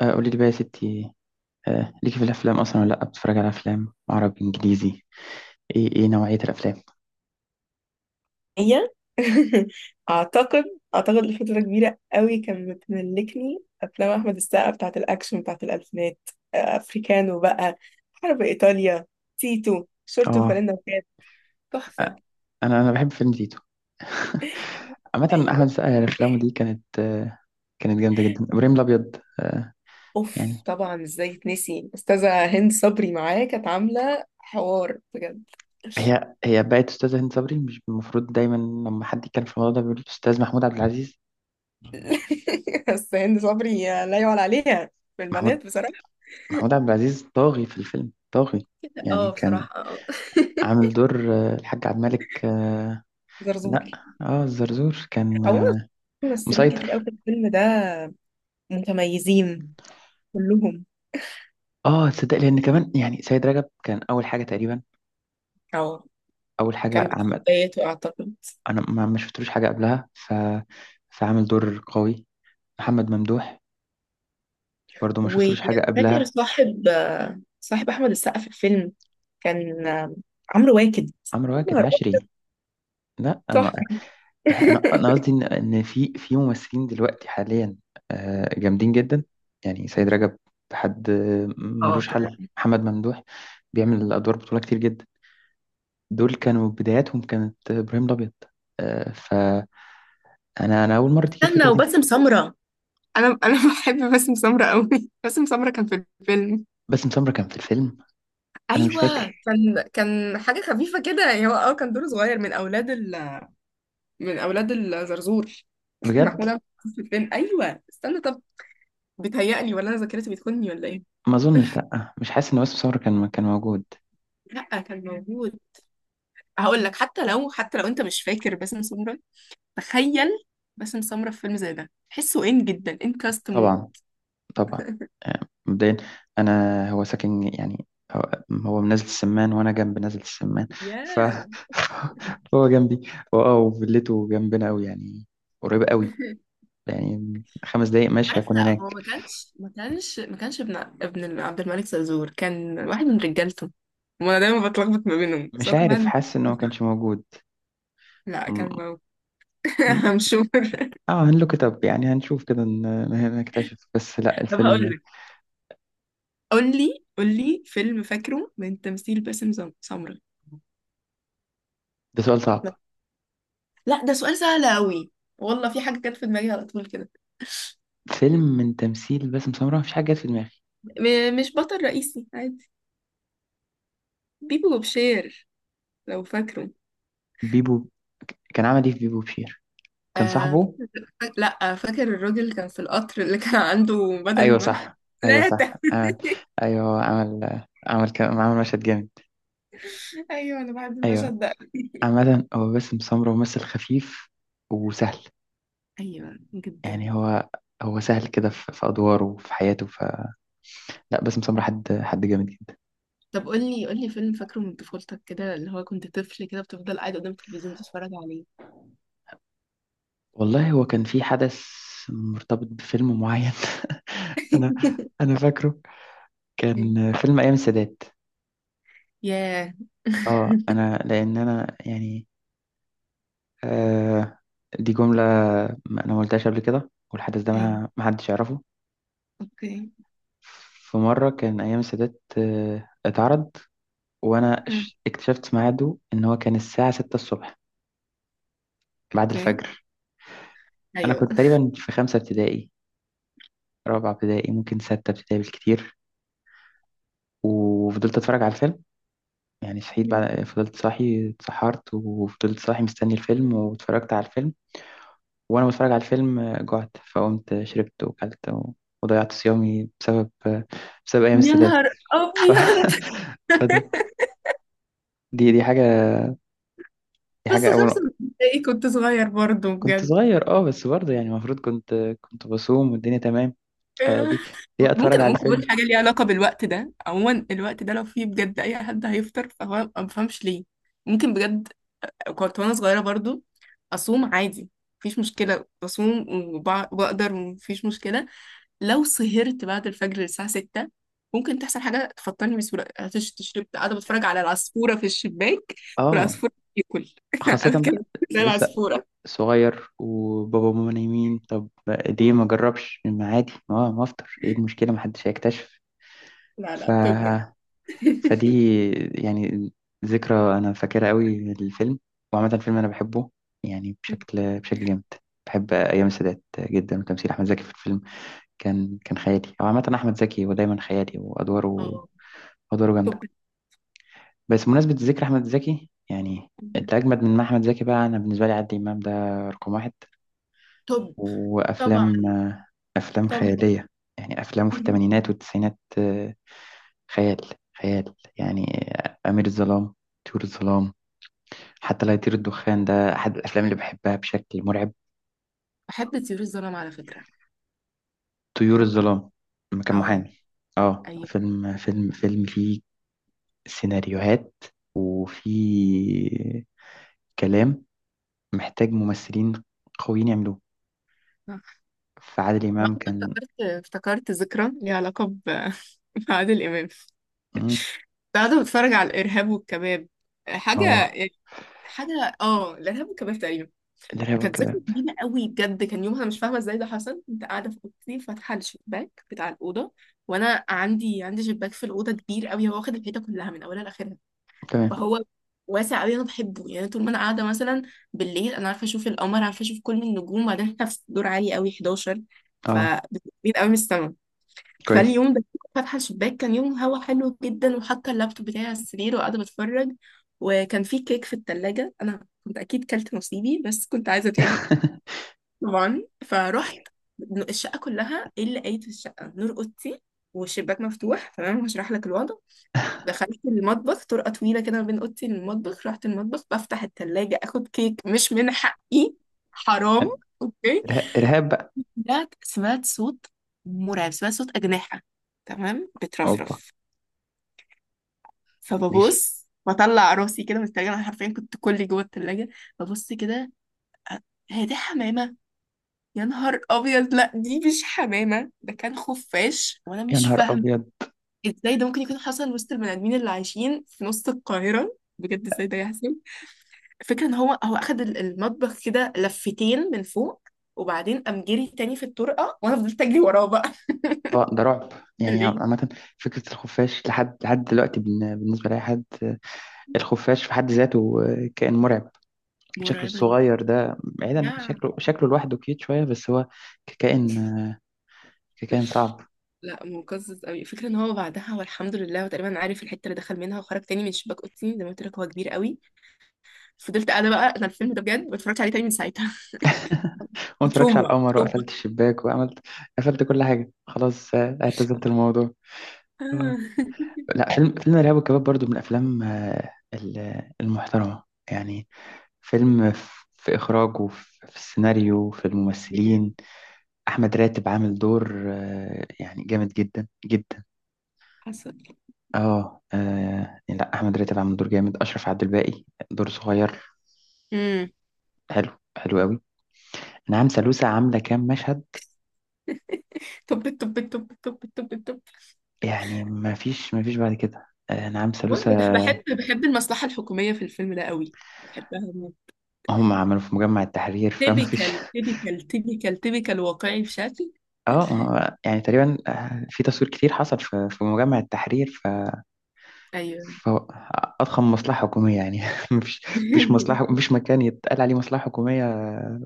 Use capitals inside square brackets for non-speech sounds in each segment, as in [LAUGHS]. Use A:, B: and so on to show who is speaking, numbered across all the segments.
A: قولي لي بقى يا ستي. ليكي في الافلام اصلا ولا لا بتتفرج على افلام عربي انجليزي؟ ايه نوعيه الافلام؟
B: هي. [LAUGHS] اعتقد اعتقد لفتره كبيره قوي كان بتملكني افلام احمد السقا بتاعه الاكشن بتاعه الالفينات. افريكانو بقى، حرب ايطاليا، تيتو شورت
A: اه.
B: وفانلة وكاب. تحفه.
A: آه، انا بحب فيلم تيتو.
B: [LAUGHS]
A: [LAUGHS] عامه احمد
B: ايوه.
A: السقا افلامه دي كانت جامده جدا. ابراهيم الابيض.
B: اوف،
A: يعني
B: طبعا ازاي تنسي استاذه هند صبري معاه، كانت عامله حوار بجد.
A: هي بقت استاذه هند صبري. مش المفروض دايما لما حد يتكلم في الموضوع ده بيقول استاذ محمود عبد العزيز؟
B: [LAUGHS] بس هند صبري لا يعلى عليها في
A: محمود
B: البنات بصراحه.
A: محمود عبد العزيز طاغي في الفيلم، طاغي. يعني
B: اه،
A: كان
B: بصراحه، اه.
A: عامل دور الحاج عبد الملك.
B: [LAUGHS] زرزور.
A: لا، اه الزرزور كان
B: عموما في ممثلين كتير
A: مسيطر.
B: قوي في الفيلم ده متميزين كلهم.
A: اه، تصدق لان كمان يعني سيد رجب كان اول حاجه تقريبا،
B: اه،
A: اول حاجه
B: كان في
A: عمل.
B: بدايته اعتقد.
A: انا ما شفتلوش حاجه قبلها، فعمل دور قوي. محمد ممدوح برضو ما شفتلوش حاجه
B: وفاكر
A: قبلها.
B: صاحب احمد السقا في الفيلم كان عمرو واكد.
A: عمرو
B: يا نهار
A: واكد
B: أبيض،
A: عشري. لا
B: تحفه.
A: ما... يعني
B: [LAUGHS]
A: انا قصدي ان في ممثلين دلوقتي حاليا جامدين جدا. يعني سيد رجب، حد
B: اه
A: ملوش
B: طبعا.
A: حل. محمد ممدوح بيعمل ادوار بطوله كتير جدا. دول كانوا بداياتهم، كانت ابراهيم الابيض. فانا اول مره تيجي
B: استنى،
A: الفكره دي.
B: وباسم سمره. انا [LAUGHS] بحب باسم سمره قوي. [LAUGHS] باسم سمره كان في الفيلم.
A: باسم سمرة كان في الفيلم. انا مش
B: ايوه
A: فاكر.
B: كان حاجه خفيفه كده، يعني هو كان دوره صغير من اولاد من اولاد الزرزور. [LAUGHS] محمود
A: بجد،
B: عبد العزيز في الفيلم، ايوه، استنى، طب بيتهيألي ولا انا ذاكرتي بتخوني ولا ايه؟
A: ما اظنش. لا، مش حاسس ان باسم سمرة كان موجود.
B: لا كان موجود. هقول لك، حتى لو انت مش فاكر باسم سمرة، تخيل باسم سمرة في فيلم زي ده، تحسه ان جدا ان كاست مود.
A: طبعا، طبعا. آه، مبدئيا، انا هو ساكن يعني. هو هو من نزلة السمان وانا جنب نزلة السمان. ف
B: ياه.
A: [LAUGHS] هو جنبي، هو اه وفيلته جنبنا قوي يعني، قريبة قوي.
B: [LAUGHS]
A: يعني 5 دقايق ماشي
B: عارف،
A: هكون
B: لا هو
A: هناك.
B: ما كانش ابن عبد الملك زرزور كان واحد من رجالته، وانا دايما بتلخبط ما بينهم، بس
A: مش
B: هو كان واحد
A: عارف،
B: من
A: حاسس ان هو
B: رجالته.
A: كانش موجود.
B: لا كان
A: م-
B: موجود.
A: م-
B: [LAUGHS] همشور.
A: اه هنلوك اب، يعني هنشوف كده نكتشف. بس لا،
B: طب هقول
A: الفيلم
B: لك، قول لي فيلم فاكره من تمثيل باسم سمرة.
A: ده سؤال صعب.
B: لا ده سؤال سهل قوي، والله في حاجة كانت في دماغي على طول كده.
A: فيلم من تمثيل باسم سمرة مفيش حاجة جت في دماغي.
B: مش بطل رئيسي عادي، بيبو وبشير، لو فاكره.
A: بيبو، كان عمل ايه في بيبو بشير؟ كان
B: آه
A: صاحبه.
B: لا فاكر الراجل اللي كان في القطر اللي كان عنده بدل
A: ايوه،
B: الملح
A: صح. ايوه، صح،
B: ثلاثة.
A: عمل. ايوه، عمل مشهد جامد.
B: [LAUGHS] أيوة أنا بحب
A: ايوه.
B: المشهد ده.
A: عامة، هو باسم سمرة ممثل خفيف وسهل.
B: ايوه جدا.
A: يعني هو سهل كده في ادواره وفي حياته. ف لا، باسم سمرة حد جامد جدا.
B: طب قولي فيلم فاكره من طفولتك كده، اللي هو كنت طفل كده بتفضل قاعد قدام التلفزيون بتتفرج عليه.
A: والله، هو كان في حدث مرتبط بفيلم معين. [LAUGHS] انا انا فاكره. كان
B: [LAUGHS]
A: فيلم ايام السادات.
B: ياه.
A: اه، انا لان انا يعني. آه دي جملة أنا ما قلتهاش قبل كده، والحدث ده
B: أيوة.
A: ما حدش يعرفه.
B: أوكي.
A: في مرة كان أيام السادات اتعرض، وأنا
B: أمم.
A: اكتشفت ميعاده إن هو كان الساعة 6 الصبح، بعد
B: أوكي.
A: الفجر. أنا
B: ايوه.
A: كنت تقريبا في خمسة ابتدائي، رابعة ابتدائي، ممكن ستة ابتدائي بالكتير. وفضلت أتفرج على الفيلم. يعني صحيت بعد، فضلت صاحي، اتسحرت وفضلت صاحي مستني الفيلم واتفرجت على الفيلم. وانا بتفرج على الفيلم جعت فقمت شربت وكلت وضيعت صيامي بسبب بسبب ايام
B: يا
A: السادات.
B: نهار ابيض.
A: [LAUGHS] فده،
B: [LAUGHS]
A: دي حاجه، دي حاجه
B: بس خمسة
A: اول.
B: دقايق كنت صغير برضه
A: كنت
B: بجد.
A: صغير، اه. بس برضه يعني، المفروض كنت بصوم والدنيا تمام.
B: [LAUGHS]
A: آه،
B: آه.
A: دي دي اتفرج
B: ممكن
A: على
B: ممكن اقول
A: الفيلم.
B: حاجه ليها علاقه بالوقت ده، عموما الوقت ده لو فيه بجد اي حد هيفطر فهو ما بفهمش ليه. ممكن بجد، كنت وانا صغيره برضو اصوم عادي، مفيش مشكله بصوم وبقدر، مفيش مشكله. لو سهرت بعد الفجر الساعه 6، ممكن تحصل حاجه تفطرني بسهوله. هتش شربت قاعده بتفرج على العصفوره في الشباك
A: اه،
B: والعصفور بياكل. [LAUGHS]
A: خاصه
B: انا كده
A: بقى
B: زي
A: لسه
B: العصفوره.
A: صغير وبابا وماما نايمين. طب ليه ما اجربش؟ ما عادي، ما افطر، ايه المشكله؟ ما حدش هيكتشف.
B: لا لا، توبنا.
A: فدي يعني ذكرى انا فاكرها قوي، الفيلم. وعامه الفيلم انا بحبه، يعني بشكل جامد. بحب ايام السادات جدا، وتمثيل احمد زكي في الفيلم كان خيالي. او عامه احمد زكي هو دايما خيالي، وادواره.
B: اه.
A: ادواره
B: توب
A: جامده. بس بمناسبه ذكر احمد زكي، يعني اللي اجمد من احمد زكي بقى، انا بالنسبه لي عادل امام ده رقم واحد.
B: توب. طبعا
A: وافلام افلام
B: طبعا.
A: خياليه. يعني افلامه في الثمانينات والتسعينات خيال، خيال يعني. أمير الظلام، طيور الظلام، حتى لا يطير الدخان، ده أحد الأفلام اللي بحبها بشكل مرعب.
B: بحب طيور الظلام على فكرة.
A: طيور
B: بحبه.
A: الظلام، لما كان
B: اه.
A: محامي. اه،
B: ايوه
A: فيلم فيه سيناريوهات، وفيه كلام محتاج ممثلين قويين يعملوه.
B: صح.
A: فعادل إمام
B: وعمري
A: كان.
B: افتكرت ذكرى ليها علاقة [LAUGHS] بعادل إمام. كنت
A: مم.
B: قاعدة بتفرج على الإرهاب والكباب، حاجة
A: اه،
B: يعني، حاجة اه الإرهاب والكباب تقريبا.
A: الإرهاب
B: كانت ذكرى
A: والكباب.
B: جميلة قوي بجد. كان يومها مش فاهمة ازاي ده حصل. كنت قاعدة في أوضتي فاتحة الشباك بتاع الأوضة، وأنا عندي شباك في الأوضة كبير قوي، هو واخد الحيطة كلها من أولها لآخرها.
A: تمام.
B: فهو واسع قوي انا بحبه، يعني طول ما انا قاعده مثلا بالليل، انا عارفه اشوف القمر، عارفه اشوف كل النجوم. وبعدين احنا في [LAUGHS] دور عالي قوي 11،
A: اه،
B: فبتبقين قوي من السما.
A: كويس.
B: فاليوم ده كنت فاتحه الشباك، كان يوم هوا حلو جدا، وحاطه اللابتوب بتاعي على السرير وقاعده بتفرج. وكان في كيك في التلاجة، انا كنت اكيد كلت نصيبي بس كنت عايزه تاني.
A: [LAUGHS]
B: طبعا فرحت. الشقه كلها ايه اللي قايت في الشقه؟ نور اوضتي والشباك مفتوح. تمام، هشرح لك الوضع. دخلت المطبخ، طرقة طويلة كده ما بين أوضتي للمطبخ، رحت المطبخ بفتح التلاجة أخد كيك مش من حقي، حرام، أوكي.
A: إرهاب، إرهاب بقى.
B: ده سمعت صوت مرعب، سمعت صوت أجنحة، تمام،
A: أوبا.
B: بترفرف.
A: ماشي.
B: فببص بطلع راسي كده من التلاجة، أنا حرفيا كنت كلي جوه التلاجة. ببص كده، أ- هي دي حمامة؟ يا نهار أبيض، لا دي مش حمامة، ده كان خفاش. وأنا
A: يا
B: مش
A: نهار
B: فاهمة
A: أبيض.
B: ازاي ده ممكن يكون حصل وسط البني آدمين اللي عايشين في نص القاهرة، بجد ازاي ده يحصل. الفكرة ان هو اخد المطبخ كده لفتين من فوق، وبعدين قام جري تاني في الطرقة، وانا فضلت اجري وراه بقى.
A: اه، ده رعب.
B: [LAUGHS]
A: يعني
B: ليه؟
A: عامة فكرة الخفاش لحد دلوقتي بالنسبة لأي حد. الخفاش في حد ذاته كائن مرعب. شكله
B: مرعبة جدا.
A: الصغير ده، بعيدا،
B: يا.
A: شكله لوحده كيوت شوية، بس هو ككائن ككائن صعب.
B: لا مقزز قوي. الفكرة ان هو بعدها والحمد لله، هو تقريبا عارف الحتة اللي دخل منها، وخرج تاني من شباك اوضتي، زي ما قلت لك هو كبير قوي. فضلت قاعدة بقى انا. الفيلم ده بجد ما اتفرجتش عليه تاني من ساعتها.
A: ما
B: [LAUGHS]
A: اتفرجش على
B: تروما،
A: القمر،
B: تروما.
A: وقفلت الشباك وعملت. قفلت كل حاجة، خلاص. اعتزلت الموضوع. آه.
B: آه.
A: لا، فيلم الإرهاب والكباب برضو من الأفلام المحترمة. يعني فيلم في إخراجه، في السيناريو، في
B: [LAUGHS]
A: الممثلين. احمد راتب عامل دور يعني جامد جدا جدا.
B: حصل.
A: اه. لا، احمد راتب عامل دور جامد. اشرف عبد الباقي دور صغير،
B: امم.
A: حلو. حلو قوي. نعم سلوسة عامله كام مشهد،
B: طب، طب، طب، طب، طب، طب.
A: يعني ما فيش بعد كده نعم سلوسة.
B: بحب المصلحة الحكومية في الفيلم ده قوي، بحبها.
A: هم عملوا في مجمع التحرير، فما فيش.
B: تيبيكال،
A: [LAUGHS]
B: تيبيكال، تيبيكال، تيبيكال، واقعي في شكل.
A: اه، ما هو يعني تقريبا في تصوير كتير حصل في مجمع التحرير. ف
B: ايوه.
A: ف- اضخم مصلحه حكوميه يعني. [LAUGHS] مفيش مصلحه، مفيش مكان يتقال عليه مصلحه حكوميه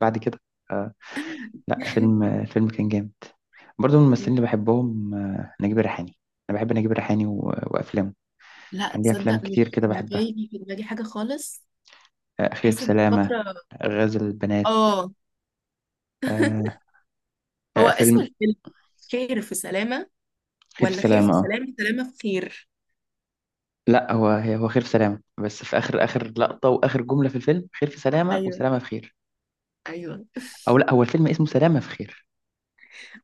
A: بعد كده. آه. لا، فيلم
B: [LAUGHS]
A: فيلم كان جامد. برضه من الممثلين اللي بحبهم نجيب الريحاني. انا بحب نجيب الريحاني وافلامه.
B: لا
A: يعني ليه
B: تصدق،
A: افلام كتير
B: مش
A: كده
B: مش
A: بحبها.
B: جاي في دماغي حاجه خالص.
A: خير في
B: حاسه دي
A: سلامه،
B: فتره.
A: غزل البنات.
B: اه. [LAUGHS]
A: آه،
B: هو اسم
A: فيلم
B: الفيلم خير في سلامه،
A: خير في
B: ولا خير في
A: سلامه، اه.
B: سلامه سلامه في خير؟
A: لا، هو هو خير في سلامه، بس في اخر لقطه واخر جمله في الفيلم، خير في سلامه
B: ايوه.
A: وسلامه في خير.
B: ايوه. [LAUGHS]
A: او لا، هو الفيلم اسمه سلامه في خير.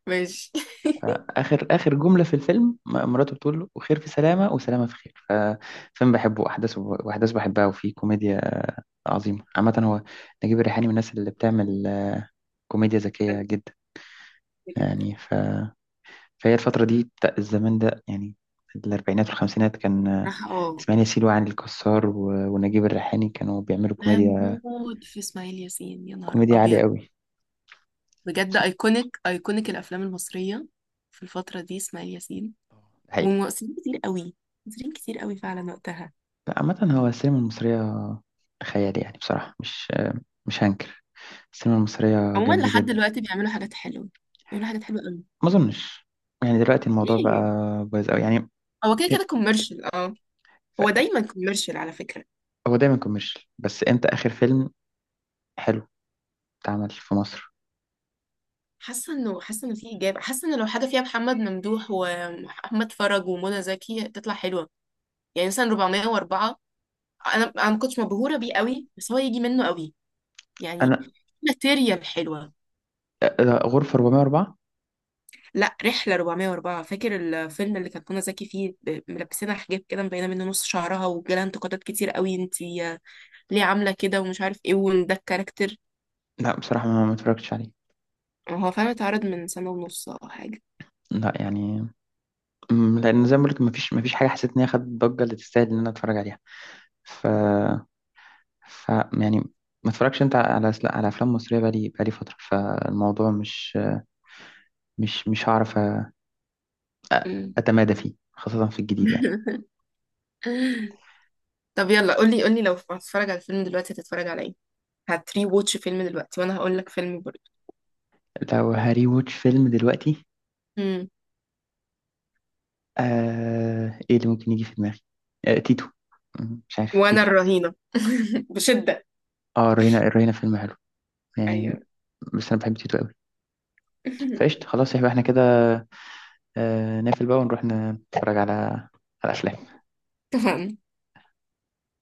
B: ماشي. [LAUGHS]
A: اخر جمله في الفيلم مراته بتقول له وخير في سلامه، وسلامه في خير. ففيلم بحبه، احداثه واحداث بحبها، وفيه كوميديا عظيم. عامة هو نجيب الريحاني من الناس اللي بتعمل كوميديا ذكية
B: حلو
A: جدا.
B: جدا.
A: يعني فهي الفترة دي بتاع الزمان ده يعني الأربعينات والخمسينات كان
B: راح. اه.
A: إسماعيل ياسين وعلي الكسار ونجيب الريحاني، كانوا بيعملوا كوميديا.
B: بموت في اسماعيل ياسين، يا نهار
A: كوميديا عالية
B: ابيض،
A: قوي.
B: بجد ايكونيك ايكونيك الافلام المصريه في الفتره دي. اسماعيل ياسين
A: حقيقي.
B: ومؤثرين كتير قوي، مؤثرين كتير قوي فعلا وقتها.
A: لا، عامة هو السينما المصرية خيال يعني بصراحة. مش هنكر، السينما المصرية
B: عموما
A: جامدة
B: لحد
A: جدا.
B: دلوقتي بيعملوا حاجات حلوه، بيعملوا حاجات حلوه قوي.
A: ما أظنش، يعني دلوقتي الموضوع بقى
B: ليه؟
A: بايظ أوي يعني.
B: هو كده كده كوميرشال، اه.
A: ف-
B: هو دايما كوميرشال على فكره.
A: هو دايما كوميرشال، بس إمتى آخر فيلم حلو اتعمل في مصر؟
B: حاسه انه في اجابه، حاسه انه لو حاجه فيها محمد ممدوح ومحمد فرج ومنى زكي تطلع حلوه. يعني مثلا 404. انا ما كنتش مبهوره بيه قوي، بس هو يجي منه قوي، يعني
A: انا
B: ماتيريال حلوه.
A: غرفة 404.
B: لا، رحلة 404. فاكر الفيلم اللي كانت منى زكي فيه ملبسينها حجاب كده، مبينة منه نص شعرها، وجالها انتقادات كتير قوي، انتي ليه عاملة كده، ومش عارف ايه، وان ده الكاركتر.
A: لا، بصراحة ما اتفرجتش عليه.
B: هو فعلا اتعرض من 1.5 سنة او حاجة.
A: لا يعني. مم. لان زي ما بقولك مفيش حاجة حسيت ان هي خدت الضجة اللي تستاهل ان انا اتفرج عليها. ف ف يعني، ما اتفرجش انت على افلام مصرية بقالي فترة، فالموضوع مش هعرف
B: مم.
A: اتمادى فيه، خاصة في الجديد يعني.
B: [LAUGHS] طب يلا، قولي لو هتتفرج على الفيلم دلوقتي هتتفرج على ايه؟ هتري ووتش فيلم دلوقتي وانا هقول لك فيلم برضه.
A: لو هاري ووتش فيلم دلوقتي،
B: مم.
A: ايه اللي ممكن يجي في دماغي؟ تيتو. مم، مش عارف.
B: وانا
A: تيتو.
B: الرهينة [LAUGHS] بشدة.
A: اه، رينا فيلم حلو يعني.
B: ايوه.
A: بس انا بحب تيتو قوي.
B: [LAUGHS]
A: فقشطة، خلاص، يبقى احنا كده. نقفل بقى ونروح نتفرج على أفلام.
B: تمام.